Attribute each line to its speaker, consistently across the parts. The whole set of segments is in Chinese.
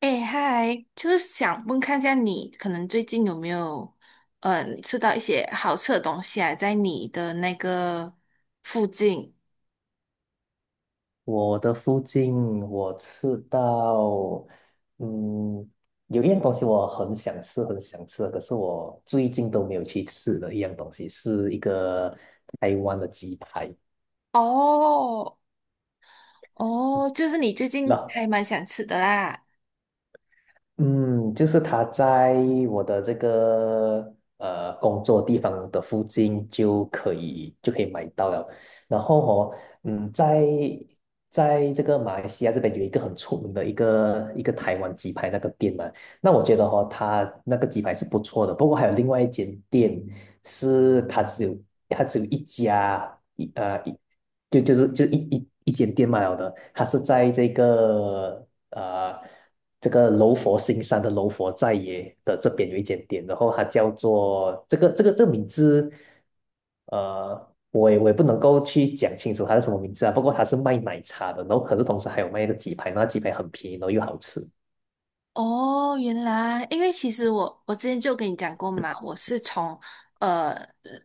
Speaker 1: 哎，嗨，就是想问看一下你，可能最近有没有，吃到一些好吃的东西啊，在你的那个附近？
Speaker 2: 我的附近我吃到，嗯，有一样东西我很想吃，很想吃，可是我最近都没有去吃的一样东西，是一个台湾的鸡排。
Speaker 1: 哦，哦，就是你最近
Speaker 2: 那
Speaker 1: 还蛮想吃的啦。
Speaker 2: 嗯，就是他在我的这个工作地方的附近就可以买到了。然后哦，在这个马来西亚这边有一个很出名的一个台湾鸡排那个店嘛，那我觉得哦，它那个鸡排是不错的。不过还有另外一间店是它只有一家一呃一就是一间店卖了的，它是在这个柔佛新山的柔佛寨耶的这边有一间店，然后它叫做这个名字，呃，我也不能够去讲清楚它是什么名字啊，不过它是卖奶茶的，然后可是同时还有卖一个鸡排，那鸡排很便宜，然后又好吃。
Speaker 1: 哦，原来，因为其实我之前就跟你讲过嘛，我是从呃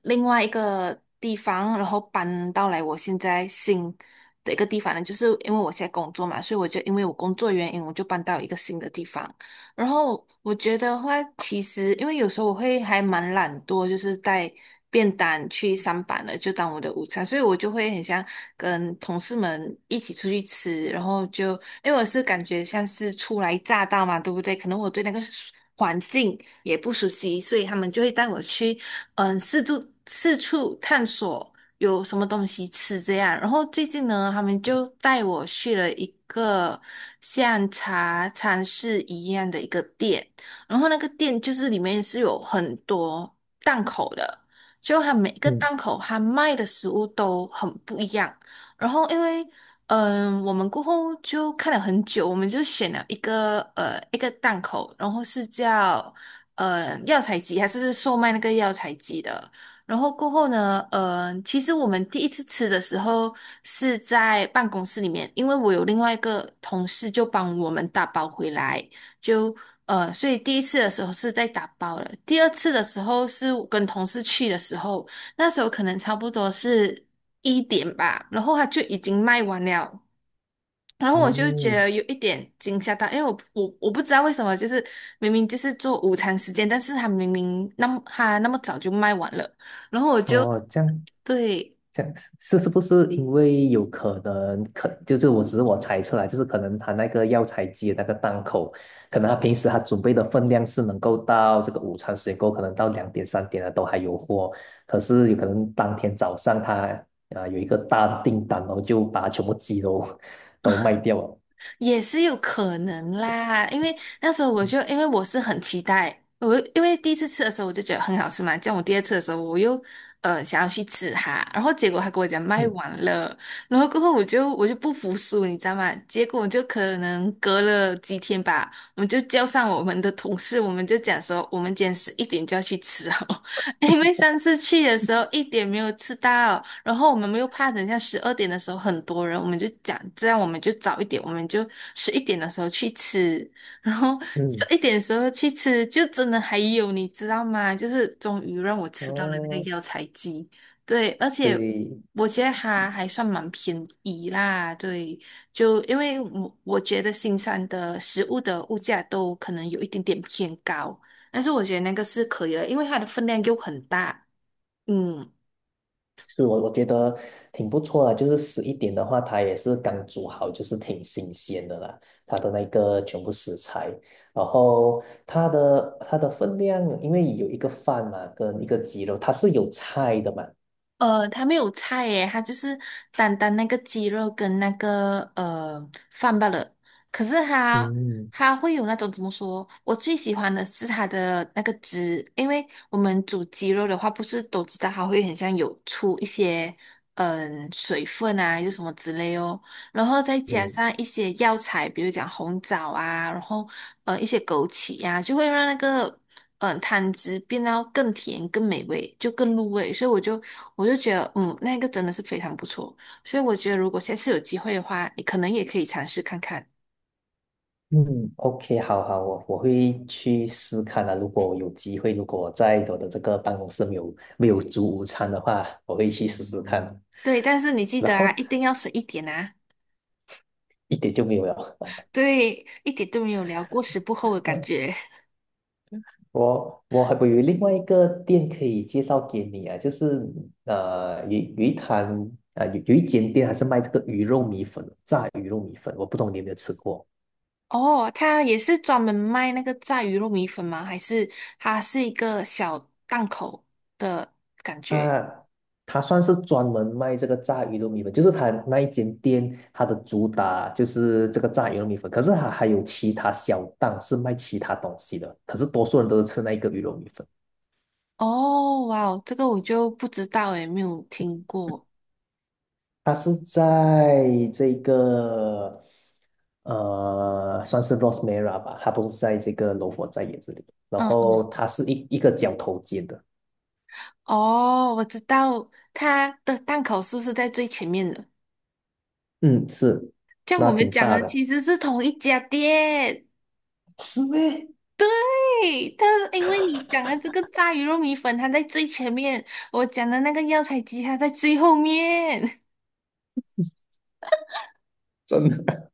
Speaker 1: 另外一个地方，然后搬到来我现在新的一个地方呢，就是因为我现在工作嘛，所以我就因为我工作原因，我就搬到一个新的地方。然后我觉得话，其实因为有时候我会还蛮懒惰，就是带便当去上班了，就当我的午餐，所以我就会很想跟同事们一起出去吃，然后就因为我是感觉像是初来乍到嘛，对不对？可能我对那个环境也不熟悉，所以他们就会带我去四处探索。有什么东西吃这样。然后最近呢，他们就带我去了一个像茶餐室一样的一个店，然后那个店就是里面是有很多档口的，就它每个
Speaker 2: 嗯
Speaker 1: 档口它卖的食物都很不一样。然后因为我们过后就看了很久，我们就选了一个档口，然后是叫药材鸡，还是售卖那个药材鸡的。然后过后呢，其实我们第一次吃的时候是在办公室里面，因为我有另外一个同事就帮我们打包回来，就所以第一次的时候是在打包了，第二次的时候是我跟同事去的时候，那时候可能差不多是一点吧，然后他就已经卖完了。然后我就觉
Speaker 2: 嗯，
Speaker 1: 得有一点惊吓到，因为我不知道为什么，就是明明就是做午餐时间，但是他明明那么他那么早就卖完了，然后我就
Speaker 2: 哦，这样
Speaker 1: 对，
Speaker 2: 这样是不是因为有可能就是我只是猜测啦，就是可能他那个药材机的那个档口，可能他平时他准备的分量是能够到这个午餐时间够，可能到2点3点了都还有货，可是有可能当天早上他啊、有一个大的订单，然后就把全部鸡都 都卖掉了。
Speaker 1: 也是有可能啦，因为那时候我就因为我是很期待，我因为第一次吃的时候我就觉得很好吃嘛，这样我第二次的时候我又想要去吃它，然后结果他跟我讲卖
Speaker 2: 嗯
Speaker 1: 完了，然后过后我就不服输，你知道吗？结果就可能隔了几天吧，我们就叫上我们的同事，我们就讲说我们今天十一点就要去吃哦，因为上次去的时候1点没有吃到，然后我们又怕等一下12点的时候很多人，我们就讲这样我们就早一点，我们就十一点的时候去吃，然后十
Speaker 2: 嗯，
Speaker 1: 一点的时候去吃，就真的还有你知道吗？就是终于让我吃到了那
Speaker 2: 哦，
Speaker 1: 个药材鸡，对，而且
Speaker 2: 对，
Speaker 1: 我觉得它还算蛮便宜啦，对，就因为我觉得新山的食物的物价都可能有一点点偏高。但是我觉得那个是可以的，因为它的分量又很大。嗯，
Speaker 2: 是我觉得挺不错的，就是11点的话，它也是刚煮好，就是挺新鲜的啦，它的那个全部食材，然后它的分量，因为有一个饭嘛，跟一个鸡肉，它是有菜的嘛。
Speaker 1: 它没有菜耶，它就是单单那个鸡肉跟那个饭罢了。可是它
Speaker 2: 嗯
Speaker 1: 它会有那种怎么说？我最喜欢的是它的那个汁，因为我们煮鸡肉的话，不是都知道它会很像有出一些水分啊，还是什么之类哦。然后再加
Speaker 2: 嗯
Speaker 1: 上一些药材，比如讲红枣啊，然后一些枸杞呀、就会让那个汤汁变到更甜、更美味，就更入味。所以我就觉得，嗯，那个真的是非常不错。所以我觉得，如果下次有机会的话，你可能也可以尝试看看。
Speaker 2: 嗯，OK,好好，我会去试看啊。如果有机会，如果在我的这个办公室没有煮午餐的话，我会去试试看。
Speaker 1: 对，但是你记
Speaker 2: 然
Speaker 1: 得啊，
Speaker 2: 后
Speaker 1: 一定要省一点啊。
Speaker 2: 一点就没有了。
Speaker 1: 对，一点都没有聊过时不候的感 觉。
Speaker 2: 我有另外一个店可以介绍给你啊，就是呃有有一摊啊、有有一间店还是卖这个鱼肉米粉的，炸鱼肉米粉，我不懂你有没有吃过？
Speaker 1: 哦，他也是专门卖那个炸鱼肉米粉吗？还是它是一个小档口的感觉？
Speaker 2: 它它算是专门卖这个炸鱼肉米粉，就是它那一间店它的主打就是这个炸鱼肉米粉，可是它还有其他小档是卖其他东西的，可是多数人都是吃那一个鱼肉米粉。
Speaker 1: 哦，哇哦，这个我就不知道诶，没有听过。
Speaker 2: 它是在这个呃，算是 Rosmera 吧，它不是在这个罗佛在野这里，然
Speaker 1: 嗯
Speaker 2: 后
Speaker 1: 嗯，
Speaker 2: 它是个角头尖的，
Speaker 1: 哦，我知道它的档口是不是在最前面的？
Speaker 2: 嗯，是，
Speaker 1: 像我
Speaker 2: 那
Speaker 1: 们
Speaker 2: 挺
Speaker 1: 讲
Speaker 2: 大
Speaker 1: 的
Speaker 2: 的，
Speaker 1: 其实是同一家店。
Speaker 2: 是咩？
Speaker 1: 对，但是因为你讲的这个炸鱼肉米粉，它在最前面；我讲的那个药材鸡，它在最后面。
Speaker 2: 真的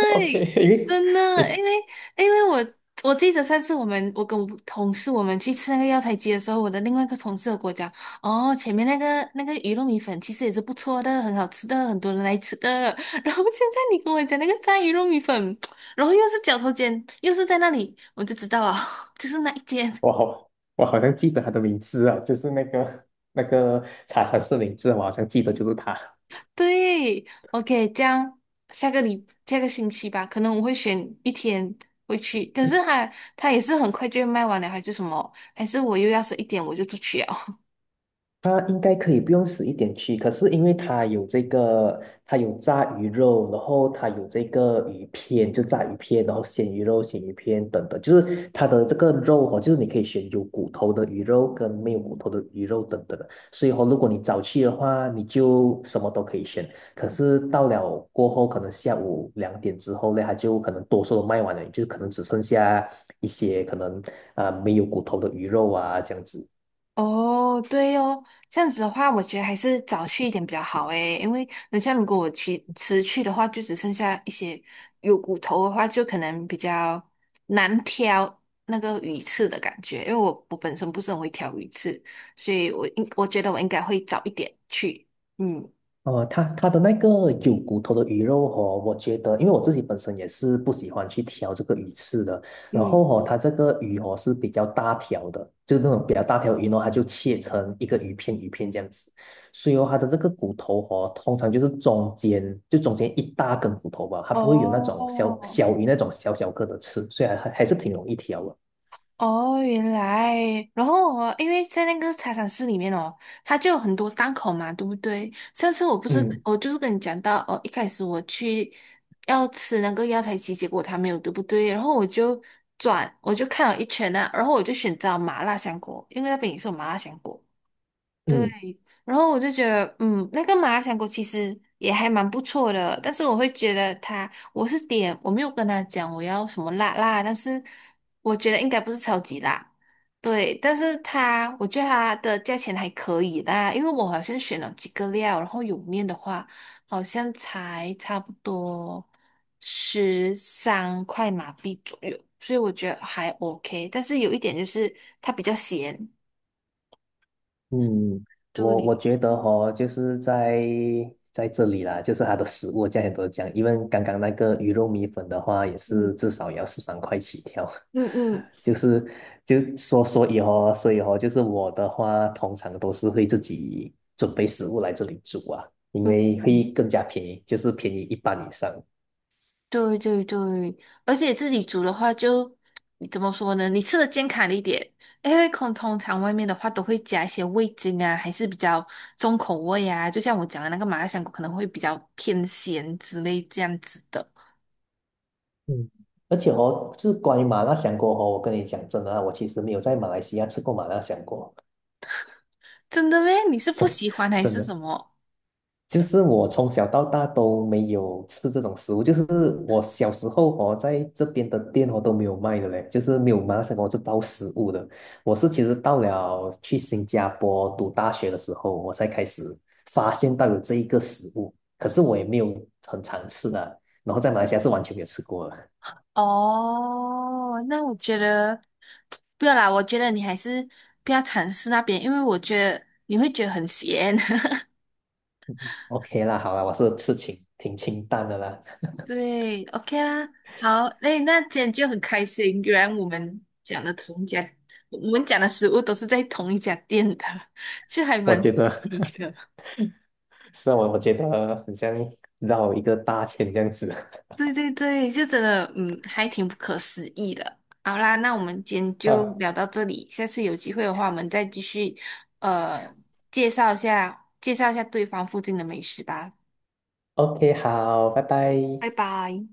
Speaker 2: ，OK,因为
Speaker 1: 真的，因
Speaker 2: 诶，
Speaker 1: 为因为我记得上次我跟我同事我们去吃那个药材街的时候，我的另外一个同事有跟我讲，哦，前面那个鱼肉米粉其实也是不错的，很好吃的，很多人来吃的。然后现在你跟我讲那个炸鱼肉米粉，然后又是绞头尖，又是在那里，我就知道啊，就是那一间。
Speaker 2: 我好像记得他的名字啊，就是那个茶禅寺名字，我好像记得就是他。
Speaker 1: 对，OK，这样下个下个星期吧，可能我会选一天回去，可是它它也是很快就会卖完了，还是什么？还是我又要是一点我就出去了？
Speaker 2: 它应该可以不用死一点去，可是因为它有这个，它有炸鱼肉，然后它有这个鱼片，就炸鱼片，然后鲜鱼肉、鲜鱼片等等，就是它的这个肉哦，就是你可以选有骨头的鱼肉跟没有骨头的鱼肉等等的。所以哦，如果你早去的话，你就什么都可以选。可是到了过后，可能下午2点之后呢，它就可能多数都卖完了，就可能只剩下一些可能啊、没有骨头的鱼肉啊这样子。
Speaker 1: 哦，对哦，这样子的话，我觉得还是早去一点比较好诶，因为等下如果我去迟去的话，就只剩下一些有骨头的话，就可能比较难挑那个鱼刺的感觉，因为我本身不是很会挑鱼刺，所以我觉得我应该会早一点去，嗯。
Speaker 2: 呃，它的那个有骨头的鱼肉哦，我觉得，因为我自己本身也是不喜欢去挑这个鱼刺的。然
Speaker 1: 嗯，
Speaker 2: 后哦，它这个鱼哦是比较大条的，就是那种比较大条鱼呢，它就切成一个鱼片鱼片这样子。所以哦，它的这个骨头哦，通常就是中间一大根骨头吧，它不会有那种小
Speaker 1: 哦
Speaker 2: 小鱼那种小小个的刺，所以还是挺容易挑的。
Speaker 1: 哦，原来，然后我因为在那个茶餐室里面哦，它就有很多档口嘛，对不对？上次我不是
Speaker 2: 嗯
Speaker 1: 我就是跟你讲到哦，一开始我去要吃那个药材鸡，结果它没有，对不对？然后我就转，我就看了一圈啊，然后我就选择麻辣香锅，因为那边也是有麻辣香锅。对，
Speaker 2: 嗯，
Speaker 1: 然后我就觉得，嗯，那个麻辣香锅其实也还蛮不错的，但是我会觉得它，我是点，我没有跟他讲我要什么辣辣，但是我觉得应该不是超级辣，对，但是它，我觉得它的价钱还可以啦，因为我好像选了几个料，然后有面的话，好像才差不多13块马币左右，所以我觉得还 OK，但是有一点就是它比较咸，
Speaker 2: 嗯，我
Speaker 1: 对。
Speaker 2: 觉得哈，就是在这里啦，就是它的食物价钱都是这样，因为刚刚那个鱼肉米粉的话，也
Speaker 1: 嗯。
Speaker 2: 是至少也要13块起跳，
Speaker 1: 嗯嗯，
Speaker 2: 就是就说所以哦，就是我的话，通常都是会自己准备食物来这里煮啊，因
Speaker 1: 嗯，
Speaker 2: 为会更加便宜，就是便宜一半以上。
Speaker 1: 对对对，而且自己煮的话就，你怎么说呢？你吃的健康一点，因为可能通常外面的话都会加一些味精啊，还是比较重口味啊。就像我讲的那个麻辣香锅，可能会比较偏咸之类这样子的。
Speaker 2: 嗯，而且哦，就是关于麻辣香锅哦，我跟你讲真的啊，我其实没有在马来西亚吃过麻辣香锅。
Speaker 1: 真的咩？你是 不
Speaker 2: 真
Speaker 1: 喜欢还
Speaker 2: 真
Speaker 1: 是
Speaker 2: 的，
Speaker 1: 什么？
Speaker 2: 就是我从小到大都没有吃这种食物，就是我小时候哦，在这边的店哦都没有卖的嘞，就是没有马来西亚我这道食物的。我是其实到了去新加坡读大学的时候，我才开始发现到有这一个食物，可是我也没有很常吃的，然后在马来西亚是完全没有吃过的。
Speaker 1: 哦，那我觉得不要啦，我觉得你还是不要尝试那边，因为我觉得你会觉得很咸。
Speaker 2: OK 啦，好啦，我是吃清挺清淡的啦，
Speaker 1: 对，OK 啦，好，哎，那今天就很开心，原来我们讲的同一家，我们讲的食物都是在同一家店的，这还
Speaker 2: 我
Speaker 1: 蛮
Speaker 2: 觉
Speaker 1: 神
Speaker 2: 得
Speaker 1: 奇的。
Speaker 2: 是啊，我觉得很像绕一个大圈这样子
Speaker 1: 对对对，就真的，嗯，还挺不可思议的。好啦，那我们今天就
Speaker 2: 啊。
Speaker 1: 聊到这里，下次有机会的话，我们再继续，呃，介绍一下对方附近的美食吧。
Speaker 2: OK,好，拜拜。
Speaker 1: 拜拜。